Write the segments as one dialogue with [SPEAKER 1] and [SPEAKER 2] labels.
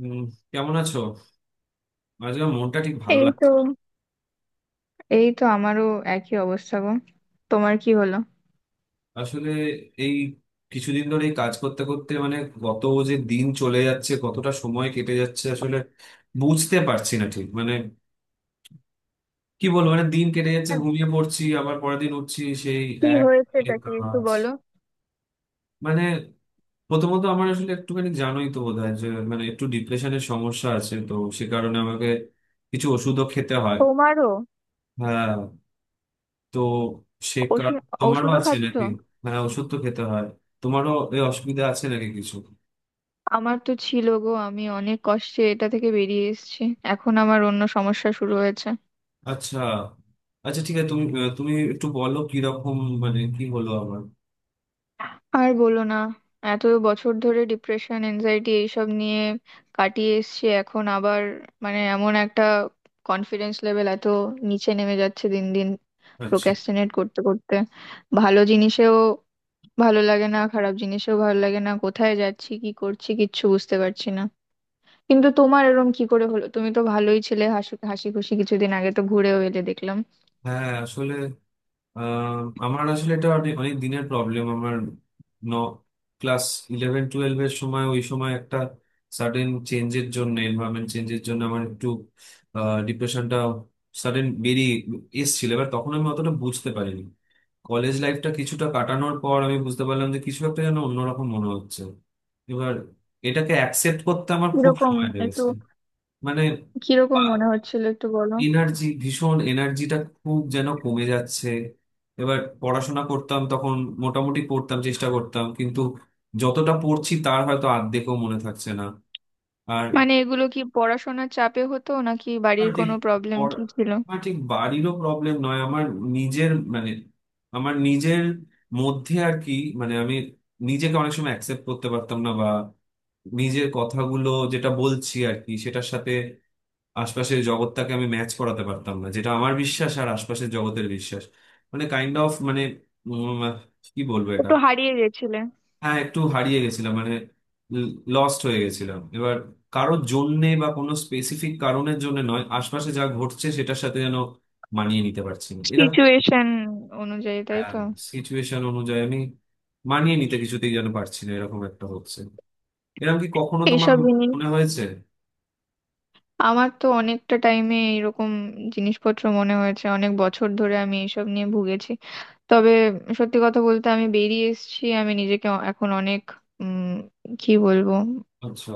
[SPEAKER 1] উম, কেমন আছো? আজকে আমার মনটা ঠিক ভালো
[SPEAKER 2] এই
[SPEAKER 1] লাগছে
[SPEAKER 2] তো
[SPEAKER 1] না।
[SPEAKER 2] এই তো, আমারও একই অবস্থা গো। তোমার কি হলো?
[SPEAKER 1] আসলে এই কিছুদিন ধরে এই কাজ করতে করতে মানে কত যে দিন চলে যাচ্ছে, কতটা সময় কেটে যাচ্ছে আসলে বুঝতে পারছি না ঠিক। মানে কি বলবো, মানে দিন কেটে যাচ্ছে,
[SPEAKER 2] হ্যাঁ,
[SPEAKER 1] ঘুমিয়ে পড়ছি, আবার পরের দিন উঠছি সেই
[SPEAKER 2] কি
[SPEAKER 1] এক
[SPEAKER 2] হয়েছে,
[SPEAKER 1] এ
[SPEAKER 2] এটা কি একটু
[SPEAKER 1] কাজ।
[SPEAKER 2] বলো?
[SPEAKER 1] মানে প্রথমত আমার আসলে একটুখানি জানোই তো বোধ হয় যে মানে একটু ডিপ্রেশনের সমস্যা আছে তো, সে কারণে আমাকে কিছু ওষুধও খেতে হয়।
[SPEAKER 2] তোমারও?
[SPEAKER 1] হ্যাঁ, তো
[SPEAKER 2] ওষুধ
[SPEAKER 1] তোমারও
[SPEAKER 2] ওষুধও
[SPEAKER 1] আছে
[SPEAKER 2] খাচ্ছ?
[SPEAKER 1] নাকি? মানে ওষুধ তো খেতে হয়। তোমারও এই অসুবিধা আছে নাকি কিছু?
[SPEAKER 2] আমার তো ছিল গো, আমি অনেক কষ্টে এটা থেকে বেরিয়ে এসেছি। এখন আমার অন্য সমস্যা শুরু হয়েছে।
[SPEAKER 1] আচ্ছা, আচ্ছা ঠিক আছে, তুমি তুমি একটু বলো কিরকম, মানে কি হলো আমার।
[SPEAKER 2] আর বলো না, এত বছর ধরে ডিপ্রেশন এনজাইটি এইসব নিয়ে কাটিয়ে এসেছি, এখন আবার মানে এমন একটা কনফিডেন্স লেভেল এত নিচে নেমে যাচ্ছে দিন দিন।
[SPEAKER 1] আচ্ছা,
[SPEAKER 2] প্রোক্রাস্টিনেট করতে করতে ভালো জিনিসেও ভালো লাগে না, খারাপ জিনিসও ভালো লাগে না, কোথায় যাচ্ছি কি করছি কিচ্ছু বুঝতে পারছি না। কিন্তু তোমার এরকম কি করে হলো? তুমি তো ভালোই ছিলে, হাসি হাসি খুশি, কিছুদিন আগে তো ঘুরেও এলে দেখলাম।
[SPEAKER 1] হ্যাঁ আসলে আহ, আমার আসলে এটা অনেক অনেক দিনের প্রবলেম আমার। ন ক্লাস ইলেভেন টুয়েলভ এর সময়, ওই সময় একটা সাডেন চেঞ্জের জন্য, এনভায়রনমেন্ট চেঞ্জের জন্য আমার একটু ডিপ্রেশনটা সাডেন বেরিয়ে এসেছিল। এবার তখন আমি অতটা বুঝতে পারিনি। কলেজ লাইফটা কিছুটা কাটানোর পর আমি বুঝতে পারলাম যে কিছু একটা যেন অন্যরকম মনে হচ্ছে। এবার এটাকে অ্যাকসেপ্ট করতে আমার খুব
[SPEAKER 2] কিরকম?
[SPEAKER 1] সময়
[SPEAKER 2] একটু
[SPEAKER 1] লেগেছে। মানে
[SPEAKER 2] কিরকম মনে হচ্ছিল একটু বলো।
[SPEAKER 1] এনার্জি, ভীষণ এনার্জিটা খুব যেন কমে যাচ্ছে। এবার পড়াশোনা করতাম তখন, মোটামুটি পড়তাম, চেষ্টা করতাম, কিন্তু যতটা পড়ছি তার হয়তো অর্ধেকও মনে থাকছে না। আর
[SPEAKER 2] মানে এগুলো কি পড়াশোনার চাপে হতো নাকি
[SPEAKER 1] আমার
[SPEAKER 2] বাড়ির
[SPEAKER 1] ঠিক
[SPEAKER 2] কোনো প্রবলেম
[SPEAKER 1] পর-
[SPEAKER 2] কি ছিল?
[SPEAKER 1] আমার ঠিক বাড়িরও প্রবলেম নয়, আমার নিজের মানে, আমার নিজের মধ্যে আর কি। মানে আমি নিজেকে অনেক সময় অ্যাকসেপ্ট করতে পারতাম না, বা নিজের কথাগুলো যেটা বলছি আর কি সেটার সাথে আশপাশের জগৎটাকে আমি ম্যাচ করাতে পারতাম না, যেটা আমার বিশ্বাস আর আশপাশের জগতের বিশ্বাস মানে কাইন্ড অফ মানে উম, কি বলবো এটা।
[SPEAKER 2] একটু হারিয়ে গেছিলে?
[SPEAKER 1] হ্যাঁ একটু হারিয়ে গেছিলাম, মানে লস্ট হয়ে গেছিলাম। এবার কারোর জন্যে বা কোনো স্পেসিফিক কারণের জন্য নয়, আশপাশে যা ঘটছে সেটার সাথে যেন মানিয়ে নিতে পারছি না এরকম।
[SPEAKER 2] সিচুয়েশন অনুযায়ী, তাই তো?
[SPEAKER 1] সিচুয়েশন অনুযায়ী আমি মানিয়ে নিতে কিছুতেই যেন পারছি না, এরকম একটা হচ্ছে। এরকম কি কখনো তোমার
[SPEAKER 2] এইসব জিনিস
[SPEAKER 1] মনে হয়েছে?
[SPEAKER 2] আমার তো অনেকটা টাইমে এরকম জিনিসপত্র মনে হয়েছে, অনেক বছর ধরে আমি এইসব নিয়ে ভুগেছি। তবে সত্যি কথা বলতে আমি বেরিয়ে এসেছি, আমি নিজেকে এখন অনেক উম কি বলবো,
[SPEAKER 1] আচ্ছা,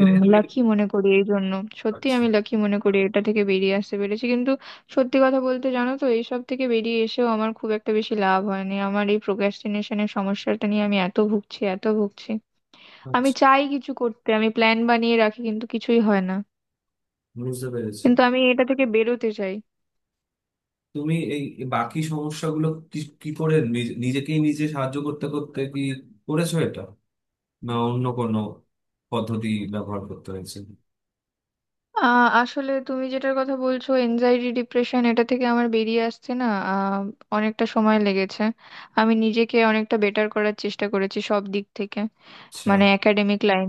[SPEAKER 1] এটা কি তুমি।
[SPEAKER 2] লাকি মনে করি এই জন্য। সত্যি
[SPEAKER 1] আচ্ছা,
[SPEAKER 2] আমি লাকি মনে করি এটা থেকে বেরিয়ে আসতে পেরেছি, কিন্তু সত্যি কথা বলতে জানো তো, এইসব থেকে বেরিয়ে এসেও আমার খুব একটা বেশি লাভ হয়নি, আমার এই প্রোক্রাস্টিনেশনের সমস্যাটা নিয়ে আমি এত ভুগছি, এত ভুগছি। আমি
[SPEAKER 1] আচ্ছা
[SPEAKER 2] চাই কিছু করতে, আমি প্ল্যান বানিয়ে রাখি কিন্তু কিছুই হয় না।
[SPEAKER 1] বুঝতে পেরেছি।
[SPEAKER 2] কিন্তু আমি এটা থেকে বেরোতে চাই।
[SPEAKER 1] তুমি এই এই বাকি সমস্যাগুলো কি কি করে নিজেকেই নিজে সাহায্য করতে করতে কি করেছো এটা, না অন্য কোনো পদ্ধতি ব্যবহার করতে হয়েছে?
[SPEAKER 2] আসলে তুমি যেটার কথা বলছো এনজাইটি ডিপ্রেশন এটা থেকে আমার বেরিয়ে আসতে না, আহ, অনেকটা সময় লেগেছে। আমি নিজেকে অনেকটা বেটার করার চেষ্টা করেছি সব দিক থেকে।
[SPEAKER 1] আচ্ছা,
[SPEAKER 2] মানে একাডেমিক লাইন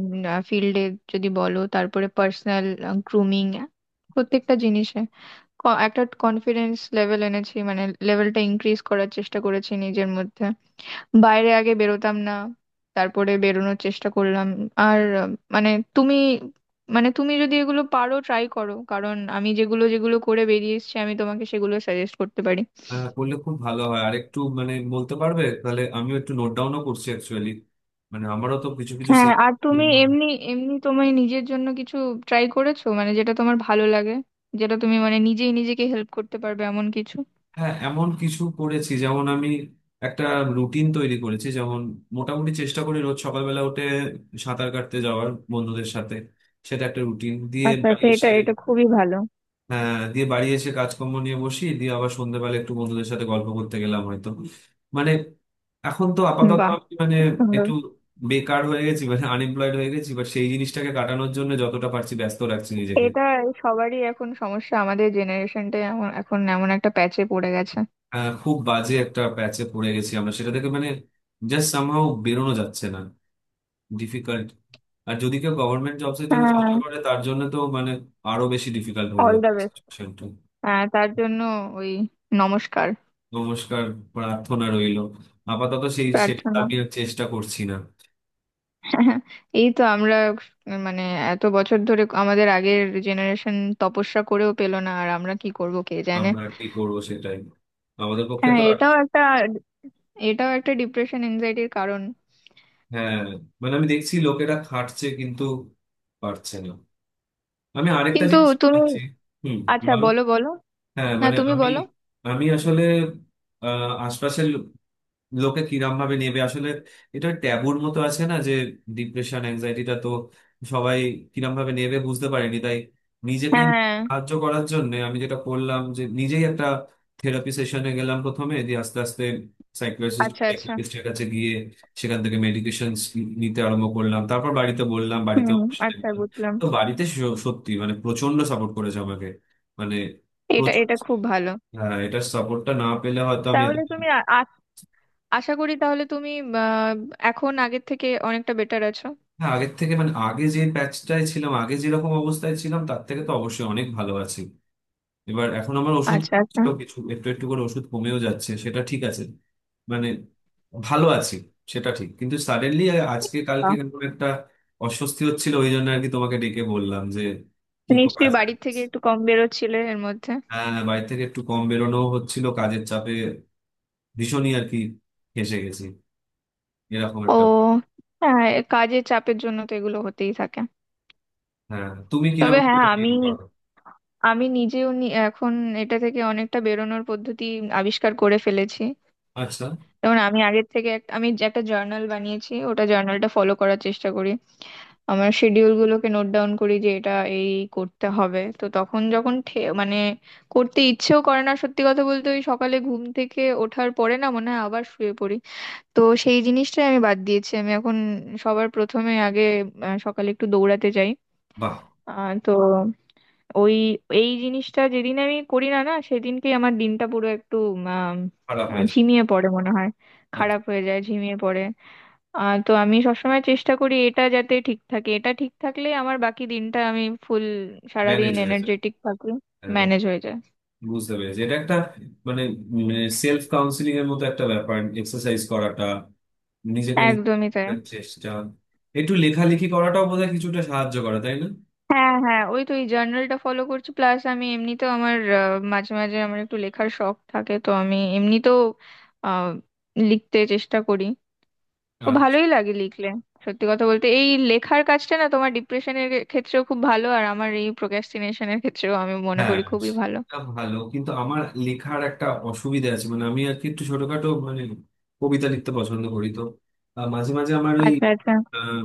[SPEAKER 2] ফিল্ডে যদি বলো, তারপরে পার্সোনাল গ্রুমিং, প্রত্যেকটা জিনিসে একটা কনফিডেন্স লেভেল এনেছি, মানে লেভেলটা ইনক্রিজ করার চেষ্টা করেছি নিজের মধ্যে। বাইরে আগে বেরোতাম না, তারপরে বেরোনোর চেষ্টা করলাম। আর মানে তুমি যদি এগুলো পারো ট্রাই করো, কারণ আমি যেগুলো যেগুলো করে বেরিয়ে এসেছি আমি তোমাকে সেগুলো সাজেস্ট করতে পারি।
[SPEAKER 1] হ্যাঁ করলে খুব ভালো হয়। আর একটু মানে বলতে পারবে তাহলে আমিও একটু নোট ডাউনও করছি অ্যাকচুয়ালি। মানে আমারও তো কিছু কিছু
[SPEAKER 2] হ্যাঁ,
[SPEAKER 1] সেই।
[SPEAKER 2] আর তুমি এমনি এমনি তোমার নিজের জন্য কিছু ট্রাই করেছো? মানে যেটা তোমার ভালো লাগে, যেটা তুমি মানে নিজেই নিজেকে হেল্প করতে পারবে এমন কিছু?
[SPEAKER 1] হ্যাঁ এমন কিছু করেছি যেমন আমি একটা রুটিন তৈরি করেছি, যেমন মোটামুটি চেষ্টা করি রোজ সকালবেলা উঠে সাঁতার কাটতে যাওয়ার বন্ধুদের সাথে, সেটা একটা রুটিন। দিয়ে
[SPEAKER 2] আচ্ছা
[SPEAKER 1] বাড়ি
[SPEAKER 2] আচ্ছা, এটা
[SPEAKER 1] এসে
[SPEAKER 2] এটা খুবই ভালো।
[SPEAKER 1] দিয়ে বাড়ি এসে কাজকর্ম নিয়ে বসি, দিয়ে আবার সন্ধ্যেবেলা একটু বন্ধুদের সাথে গল্প করতে গেলাম হয়তো। মানে এখন তো আপাতত
[SPEAKER 2] বাহ,
[SPEAKER 1] আমি মানে
[SPEAKER 2] খুব সুন্দর।
[SPEAKER 1] একটু বেকার হয়ে গেছি, মানে আনএমপ্লয়েড হয়ে গেছি, বাট সেই জিনিসটাকে কাটানোর জন্য যতটা পারছি ব্যস্ত রাখছি নিজেকে।
[SPEAKER 2] এটা সবারই এখন সমস্যা, আমাদের জেনারেশনটাই এমন, এখন এমন একটা প্যাচে পড়ে গেছে।
[SPEAKER 1] খুব বাজে একটা প্যাচে পড়ে গেছি আমরা, সেটা থেকে মানে জাস্ট সামহাও বেরোনো যাচ্ছে না, ডিফিকাল্ট। আর যদি কেউ গভর্নমেন্ট জবস এর জন্য
[SPEAKER 2] হ্যাঁ।
[SPEAKER 1] চেষ্টা করে তার জন্য তো মানে আরো বেশি ডিফিকাল্ট হয়ে
[SPEAKER 2] অল দ্য
[SPEAKER 1] যাচ্ছে
[SPEAKER 2] বেস্ট।
[SPEAKER 1] situation টা।
[SPEAKER 2] হ্যাঁ তার জন্য ওই নমস্কার।
[SPEAKER 1] নমস্কার, প্রার্থনা রইলো। আপাতত সেই সেটা
[SPEAKER 2] প্রার্থনা।
[SPEAKER 1] আমি আর চেষ্টা করছি না।
[SPEAKER 2] এই তো আমরা মানে এত বছর ধরে আমাদের আগের জেনারেশন তপস্যা করেও পেল না, আর আমরা কি করব কে জানে।
[SPEAKER 1] আমরা কি করবো সেটাই, আমাদের পক্ষে
[SPEAKER 2] হ্যাঁ,
[SPEAKER 1] তো আর।
[SPEAKER 2] এটাও একটা ডিপ্রেশন এনজাইটির কারণ।
[SPEAKER 1] হ্যাঁ, মানে আমি দেখছি লোকেরা খাটছে কিন্তু পারছে না। আমি আরেকটা
[SPEAKER 2] কিন্তু
[SPEAKER 1] জিনিস
[SPEAKER 2] তুমি,
[SPEAKER 1] শুনেছি। হুম,
[SPEAKER 2] আচ্ছা
[SPEAKER 1] বলো।
[SPEAKER 2] বলো বলো।
[SPEAKER 1] হ্যাঁ
[SPEAKER 2] না
[SPEAKER 1] মানে
[SPEAKER 2] তুমি
[SPEAKER 1] আমি,
[SPEAKER 2] বলো।
[SPEAKER 1] আমি আসলে আশপাশের লোকে কিরম ভাবে নেবে আসলে, এটা ট্যাবুর মতো আছে না যে ডিপ্রেশন অ্যাংজাইটিটা তো সবাই কিরম ভাবে নেবে বুঝতে পারেনি, তাই নিজেকেই
[SPEAKER 2] হ্যাঁ।
[SPEAKER 1] সাহায্য করার জন্য আমি যেটা করলাম যে নিজেই একটা থেরাপি সেশনে গেলাম প্রথমে। দিয়ে আস্তে আস্তে সাইকিয়াট্রিস্ট,
[SPEAKER 2] আচ্ছা আচ্ছা।
[SPEAKER 1] সাইকিয়াট্রিস্টের কাছে গিয়ে সেখান থেকে মেডিকেশন নিতে আরম্ভ করলাম, তারপর বাড়িতে বললাম, বাড়িতে
[SPEAKER 2] হুম।
[SPEAKER 1] ওর সাথে
[SPEAKER 2] আচ্ছা
[SPEAKER 1] গেলাম।
[SPEAKER 2] বুঝলাম।
[SPEAKER 1] তো বাড়িতে সত্যি মানে প্রচন্ড সাপোর্ট করেছে আমাকে, মানে
[SPEAKER 2] এটা
[SPEAKER 1] প্রচুর।
[SPEAKER 2] এটা খুব ভালো।
[SPEAKER 1] হ্যাঁ এটার সাপোর্টটা না পেলে হয়তো আমি এত।
[SPEAKER 2] তাহলে তুমি আশা করি তাহলে তুমি আহ, এখন আগের থেকে অনেকটা বেটার আছো?
[SPEAKER 1] না আগের থেকে মানে আগে যে প্যাচটায় ছিলাম, আগে যেরকম অবস্থায় ছিলাম তার থেকে তো অবশ্যই অনেক ভালো আছি। এবার এখন আমার ওষুধ
[SPEAKER 2] আচ্ছা আচ্ছা।
[SPEAKER 1] ছিল কিছু, একটু একটু করে ওষুধ কমেও যাচ্ছে, সেটা ঠিক আছে। মানে ভালো আছি সেটা ঠিক, কিন্তু সাডেনলি আজকে কালকে কেমন একটা অস্বস্তি হচ্ছিল, ওই জন্য আর কি তোমাকে ডেকে বললাম যে কি করা
[SPEAKER 2] নিশ্চয়ই
[SPEAKER 1] যায়।
[SPEAKER 2] বাড়ির থেকে একটু কম বেরোচ্ছিলে এর মধ্যে?
[SPEAKER 1] হ্যাঁ বাড়ি থেকে একটু কম বেরোনো হচ্ছিল কাজের চাপে, ভীষণই আর কি, ফেঁসে গেছি এরকম
[SPEAKER 2] ও,
[SPEAKER 1] একটা।
[SPEAKER 2] হ্যাঁ, কাজের চাপের জন্য তো এগুলো হতেই থাকে।
[SPEAKER 1] হ্যাঁ তুমি
[SPEAKER 2] তবে
[SPEAKER 1] কিরকম
[SPEAKER 2] হ্যাঁ
[SPEAKER 1] করে deal
[SPEAKER 2] আমি,
[SPEAKER 1] করো?
[SPEAKER 2] নিজেও এখন এটা থেকে অনেকটা বেরোনোর পদ্ধতি আবিষ্কার করে ফেলেছি।
[SPEAKER 1] আচ্ছা,
[SPEAKER 2] যেমন আমি আগের থেকে আমি যে একটা জার্নাল বানিয়েছি, ওটা জার্নালটা ফলো করার চেষ্টা করি। আমার শিডিউল গুলোকে নোট ডাউন করি যে এটা এই করতে হবে। তো তখন যখন মানে করতে ইচ্ছেও করে না, সত্যি কথা বলতে ওই সকালে ঘুম থেকে ওঠার পরে না, মনে হয় আবার শুয়ে পড়ি। তো সেই জিনিসটাই আমি বাদ দিয়েছি, আমি এখন সবার প্রথমে আগে সকালে একটু দৌড়াতে যাই।
[SPEAKER 1] বাহ।
[SPEAKER 2] তো ওই এই জিনিসটা যেদিন আমি করি না, না সেদিনকেই আমার দিনটা পুরো একটু আম,
[SPEAKER 1] খারাপ হয়েছে।
[SPEAKER 2] ঝিমিয়ে পড়ে মনে হয়, খারাপ হয়ে যায়, ঝিমিয়ে পড়ে। তো আমি সবসময় চেষ্টা করি এটা যাতে ঠিক থাকে, এটা ঠিক থাকলে আমার বাকি দিনটা আমি ফুল, সারাদিন
[SPEAKER 1] ম্যানেজ হয়ে যায়।
[SPEAKER 2] এনার্জেটিক থাকি।
[SPEAKER 1] হ্যাঁ,
[SPEAKER 2] ম্যানেজ হয়ে যায়।
[SPEAKER 1] বুঝতে পেরেছি। এটা একটা মানে সেলফ কাউন্সিলিং এর মতো একটা ব্যাপার, এক্সারসাইজ করাটা, নিজেকে নিজে
[SPEAKER 2] একদমই তাই।
[SPEAKER 1] চেষ্টা। একটু লেখালেখি করাটাও বোধহয় কিছুটা সাহায্য করে তাই
[SPEAKER 2] হ্যাঁ, হ্যাঁ, ওই তো এই জার্নালটা ফলো করছি, প্লাস আমি এমনিতেও আমার, মাঝে মাঝে আমার একটু লেখার শখ থাকে তো আমি এমনিতেও আহ, লিখতে চেষ্টা করি। ও,
[SPEAKER 1] না?
[SPEAKER 2] ভালোই লাগে লিখলে। সত্যি কথা বলতে এই লেখার কাজটা না তোমার ডিপ্রেশনের ক্ষেত্রেও খুব ভালো, আর আমার এই প্রোক্রাস্টিনেশনের ক্ষেত্রেও আমি মনে
[SPEAKER 1] হ্যাঁ
[SPEAKER 2] করি খুবই ভালো।
[SPEAKER 1] সেটা ভালো, কিন্তু আমার লেখার একটা অসুবিধা আছে, মানে আমি আর কি একটু ছোটখাটো মানে কবিতা লিখতে পছন্দ করি তো। মাঝে মাঝে আমার ওই
[SPEAKER 2] আচ্ছা আচ্ছা।
[SPEAKER 1] আহ,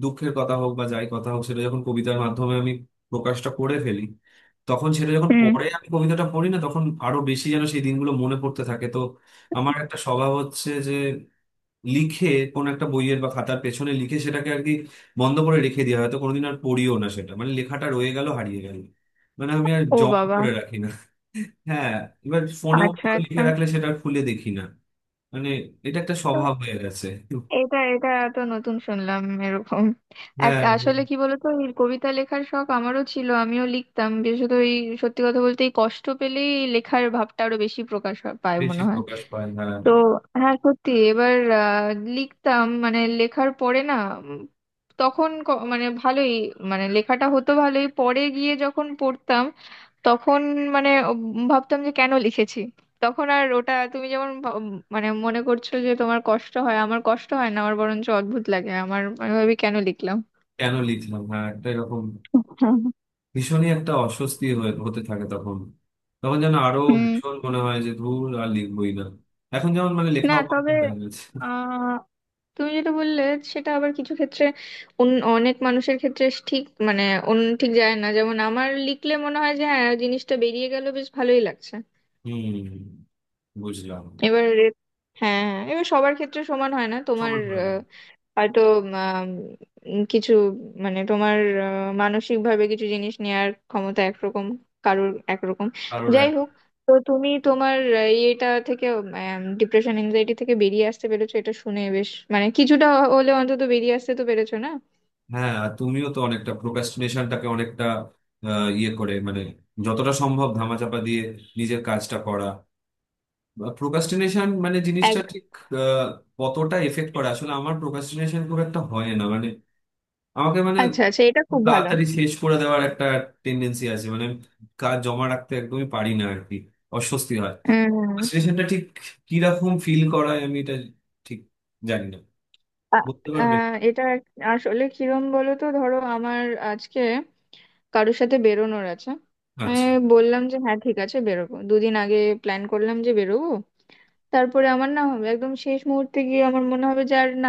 [SPEAKER 1] দুঃখের কথা হোক বা যাই কথা হোক, সেটা যখন কবিতার মাধ্যমে আমি প্রকাশটা করে ফেলি, তখন সেটা, যখন
[SPEAKER 2] হুম।
[SPEAKER 1] পরে আমি কবিতাটা পড়ি না তখন আরো বেশি যেন সেই দিনগুলো মনে পড়তে থাকে তো। আমার একটা স্বভাব হচ্ছে যে লিখে কোন একটা বইয়ের বা খাতার পেছনে লিখে সেটাকে আর কি বন্ধ করে রেখে দেওয়া, হয়তো কোনোদিন আর পড়িও না সেটা, মানে লেখাটা রয়ে গেল, হারিয়ে গেল। মানে আমি আর
[SPEAKER 2] ও
[SPEAKER 1] জমা
[SPEAKER 2] বাবা।
[SPEAKER 1] করে রাখি না। হ্যাঁ, এবার ফোনেও
[SPEAKER 2] আচ্ছা
[SPEAKER 1] কোথাও লিখে
[SPEAKER 2] আচ্ছা।
[SPEAKER 1] রাখলে সেটা আর খুলে দেখি না, মানে এটা একটা স্বভাব হয়ে গেছে।
[SPEAKER 2] এটা এটা তো নতুন শুনলাম এরকম। এক,
[SPEAKER 1] হ্যাঁ
[SPEAKER 2] আসলে কি বলতো, এই কবিতা লেখার শখ আমারও ছিল, আমিও লিখতাম, বিশেষত এই সত্যি কথা বলতে এই কষ্ট পেলেই এই লেখার ভাবটা আরো বেশি প্রকাশ পায়
[SPEAKER 1] বেশি
[SPEAKER 2] মনে হয়।
[SPEAKER 1] প্রকাশ পায় না।
[SPEAKER 2] তো হ্যাঁ সত্যি, এবার আহ, লিখতাম মানে লেখার পরে না, উম, তখন মানে ভালোই, মানে লেখাটা হতো ভালোই, পরে গিয়ে যখন পড়তাম, তখন মানে ভাবতাম যে কেন লিখেছি। তখন আর ওটা তুমি যেমন ভাব- উম মানে মনে করছো যে তোমার কষ্ট হয়, আমার কষ্ট হয় না, আমার বরঞ্চ অদ্ভুত লাগে, আমার আমি ভাবি কেন লিখলাম।
[SPEAKER 1] কেন লিখলাম, হ্যাঁ একটা এরকম ভীষণই একটা অস্বস্তি হয়ে হতে থাকে তখন, তখন যেন আরো
[SPEAKER 2] হুম।
[SPEAKER 1] ভীষণ মনে হয় যে ধুর আর লিখবই না। এখন যেমন মানে
[SPEAKER 2] না
[SPEAKER 1] লেখাও বন্ধ
[SPEAKER 2] তবে
[SPEAKER 1] হয়ে গেছে।
[SPEAKER 2] আহ তুমি যেটা বললে সেটা আবার কিছু ক্ষেত্রে অনেক মানুষের ক্ষেত্রে ঠিক মানে অন্য ঠিক যায় না, যেমন আমার লিখলে মনে হয় যে হ্যাঁ জিনিসটা বেরিয়ে গেল, বেশ ভালোই লাগছে।
[SPEAKER 1] হম, বুঝলাম।
[SPEAKER 2] এবার হ্যাঁ হ্যাঁ, এবার সবার ক্ষেত্রে সমান হয় না, তোমার
[SPEAKER 1] সময় হয় না।
[SPEAKER 2] আহ, হয়তো কিছু মানে তোমার মানসিক ভাবে কিছু জিনিস নেয়ার ক্ষমতা একরকম, কারোর একরকম।
[SPEAKER 1] কারোর
[SPEAKER 2] যাই
[SPEAKER 1] এক।
[SPEAKER 2] হোক, তো তুমি তোমার ইয়েটা থেকে ডিপ্রেশন এনজাইটি থেকে বেরিয়ে আসতে পেরেছো, এটা শুনে বেশ, মানে কিছুটা হলে অন্তত বেরিয়ে আসতে তো পেরেছো, না?
[SPEAKER 1] হ্যাঁ আর তুমিও তো অনেকটা প্রোক্রাস্টিনেশনটাকে অনেকটা ইয়ে করে, মানে যতটা সম্ভব ধামাচাপা দিয়ে নিজের কাজটা করা। প্রোক্রাস্টিনেশন মানে জিনিসটা
[SPEAKER 2] এক,
[SPEAKER 1] ঠিক আহ, কতটা এফেক্ট করে আসলে, আমার প্রোক্রাস্টিনেশন খুব একটা হয় না, মানে আমাকে মানে
[SPEAKER 2] আচ্ছা আচ্ছা এটা
[SPEAKER 1] খুব
[SPEAKER 2] খুব ভালো।
[SPEAKER 1] তাড়াতাড়ি শেষ করে দেওয়ার একটা টেন্ডেন্সি আছে, মানে আমি কাজ জমা রাখতে একদমই পারি না আর কি, অস্বস্তি হয়।
[SPEAKER 2] হুম।
[SPEAKER 1] প্রোক্রাস্টিনেশনটা ঠিক কিরকম ফিল করায় আমি এটা ঠিক জানি না,
[SPEAKER 2] আ-
[SPEAKER 1] বলতে
[SPEAKER 2] আ,
[SPEAKER 1] পারবে?
[SPEAKER 2] এটা আসলে কিরম বলো তো, ধরো আমার আজকে কারোর সাথে বেরোনোর আছে। আমি
[SPEAKER 1] আচ্ছা,
[SPEAKER 2] বললাম যে হ্যাঁ ঠিক আছে বেরোবো, দুদিন আগে প্ল্যান করলাম যে বেরোবো, তারপরে আমার না হবে একদম শেষ মুহূর্তে গিয়ে আমার মনে হবে যে আর না,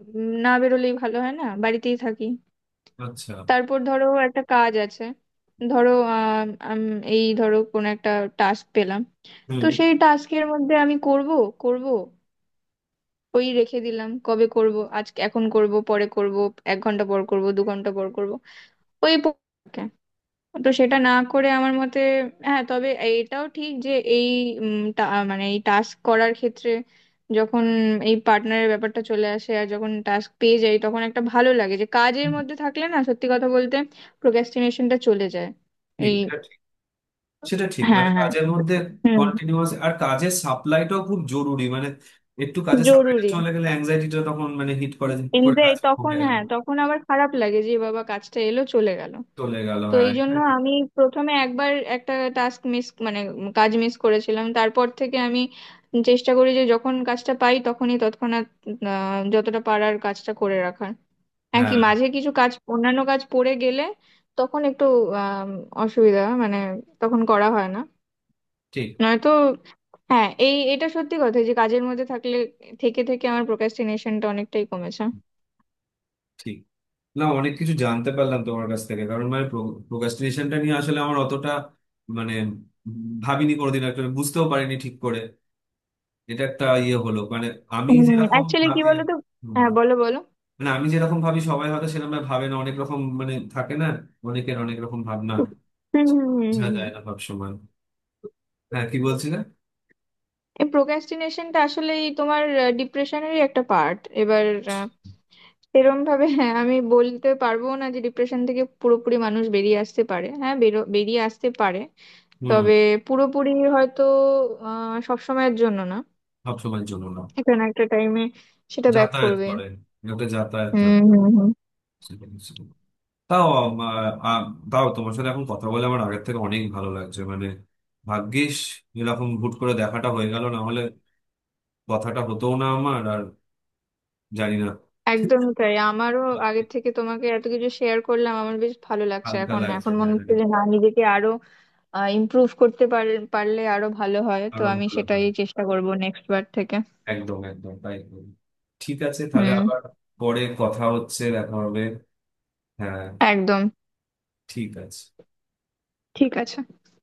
[SPEAKER 2] না বেরোলেই ভালো হয়, না বাড়িতেই থাকি।
[SPEAKER 1] আচ্ছা।
[SPEAKER 2] তারপর ধরো একটা কাজ আছে, ধরো আহ আম, এই ধরো কোন একটা টাস্ক পেলাম। তো
[SPEAKER 1] হুম।
[SPEAKER 2] সেই টাস্কের মধ্যে আমি করব করব, ওই রেখে দিলাম কবে করব, আজকে এখন করব, পরে করব, 1 ঘন্টা পর করব, 2 ঘন্টা পর করব, ওই, তো সেটা না করে আমার মতে, হ্যাঁ তবে এটাও ঠিক যে এই উম, টা- মানে এই টাস্ক করার ক্ষেত্রে যখন এই পার্টনারের ব্যাপারটা চলে আসে, আর যখন টাস্ক পেয়ে যাই তখন একটা ভালো লাগে যে কাজের মধ্যে থাকলে না, সত্যি কথা বলতে প্রোক্রাস্টিনেশনটা চলে যায়।
[SPEAKER 1] ঠিক,
[SPEAKER 2] এই,
[SPEAKER 1] এটা ঠিক। সেটা ঠিক,
[SPEAKER 2] হ্যাঁ
[SPEAKER 1] মানে
[SPEAKER 2] হ্যাঁ,
[SPEAKER 1] কাজের মধ্যে
[SPEAKER 2] হুম,
[SPEAKER 1] কন্টিনিউয়াস। আর কাজের সাপ্লাইটাও খুব জরুরি, মানে একটু কাজের সাপ্লাইটা
[SPEAKER 2] জরুরি।
[SPEAKER 1] চলে গেলে অ্যাংজাইটিটা তখন মানে হিট করে যে, করে
[SPEAKER 2] কিন্তু এই
[SPEAKER 1] কাজ
[SPEAKER 2] তখন,
[SPEAKER 1] কমে গেল,
[SPEAKER 2] হ্যাঁ তখন আবার খারাপ লাগে যে বাবা কাজটা এলো চলে গেল।
[SPEAKER 1] চলে গেল
[SPEAKER 2] তো
[SPEAKER 1] হ্যাঁ।
[SPEAKER 2] এই জন্য আমি প্রথমে একবার একটা টাস্ক মিস মানে কাজ মিস করেছিলাম, তারপর থেকে আমি চেষ্টা করি যে যখন কাজটা পাই তখনই তৎক্ষণাৎ যতটা পারার কাজটা করে রাখার। হ্যাঁ কি
[SPEAKER 1] হ্যাঁ,
[SPEAKER 2] মাঝে কিছু কাজ অন্যান্য কাজ পড়ে গেলে তখন একটু আম, অসুবিধা মানে তখন করা হয় না,
[SPEAKER 1] ঠিক,
[SPEAKER 2] নয়তো, হ্যাঁ এই এটা সত্যি কথা যে কাজের মধ্যে থাকলে থেকে থেকে আমার প্রোক্রাস্টিনেশনটা অনেকটাই কমেছে।
[SPEAKER 1] ঠিক। না অনেক কিছু জানতে পারলাম তোমার কাছ থেকে, কারণ মানে প্রোক্রাস্টিনেশনটা নিয়ে আসলে আমার অতটা মানে ভাবিনি কোনোদিন, একটা বুঝতেও পারিনি ঠিক করে। এটা একটা ইয়ে হলো, মানে আমি
[SPEAKER 2] হুম,
[SPEAKER 1] যেরকম
[SPEAKER 2] অ্যাকচুয়ালি কি
[SPEAKER 1] ভাবি।
[SPEAKER 2] বলো তো। হ্যাঁ বলো বলো।
[SPEAKER 1] মানে আমি যেরকম ভাবি সবাই হয়তো সেরকম ভাবে না, অনেক রকম মানে থাকে না, অনেকের অনেক রকম ভাবনা,
[SPEAKER 2] হুম হুম হুম
[SPEAKER 1] বোঝা
[SPEAKER 2] হুম হুম।
[SPEAKER 1] যায় না সব সময়। হ্যাঁ কি বলছিলেন?
[SPEAKER 2] এই প্রোক্রাস্টিনেশনটা আসলেই তোমার ডিপ্রেশনেরই একটা পার্ট। এবার আহ, এরম ভাবে হ্যাঁ আমি বলতে পারবো না যে ডিপ্রেশন থেকে পুরোপুরি মানুষ বেরিয়ে আসতে পারে, হ্যাঁ বেরিয়ে আসতে পারে।
[SPEAKER 1] হম।
[SPEAKER 2] তবে পুরোপুরি হয়তো সবসময়ের জন্য না,
[SPEAKER 1] সবসময়ের জন্য না।
[SPEAKER 2] একটা না একটা টাইমে সেটা ব্যাক
[SPEAKER 1] যাতায়াত
[SPEAKER 2] করবেই।
[SPEAKER 1] করে, একটা যাতায়াত
[SPEAKER 2] হুম
[SPEAKER 1] থাকে।
[SPEAKER 2] হুম হুম।
[SPEAKER 1] তাও আ, তাও তোমার সাথে এখন কথা বলে আমার আগের থেকে অনেক ভালো লাগছে, মানে ভাগ্যিস এরকম হুট করে দেখাটা হয়ে গেল, না হলে কথাটা হতো না আমার আর, জানি না।
[SPEAKER 2] একদমই তাই আমারও, আগের থেকে তোমাকে এত কিছু শেয়ার করলাম আমার বেশ ভালো লাগছে,
[SPEAKER 1] হালকা
[SPEAKER 2] এখন
[SPEAKER 1] লাগছে,
[SPEAKER 2] এখন মনে
[SPEAKER 1] হ্যাঁ।
[SPEAKER 2] হচ্ছে যে না নিজেকে আরো ইমপ্রুভ করতে পারলে আরো ভালো হয়, তো
[SPEAKER 1] আরো
[SPEAKER 2] আমি
[SPEAKER 1] ভালো
[SPEAKER 2] সেটাই
[SPEAKER 1] হয়।
[SPEAKER 2] চেষ্টা করব নেক্সট বার থেকে।
[SPEAKER 1] একদম, একদম তাই করবো। ঠিক আছে, তাহলে
[SPEAKER 2] হুম।
[SPEAKER 1] আবার পরে কথা হচ্ছে, দেখা হবে। হ্যাঁ
[SPEAKER 2] একদম।
[SPEAKER 1] ঠিক আছে।
[SPEAKER 2] ঠিক আছে।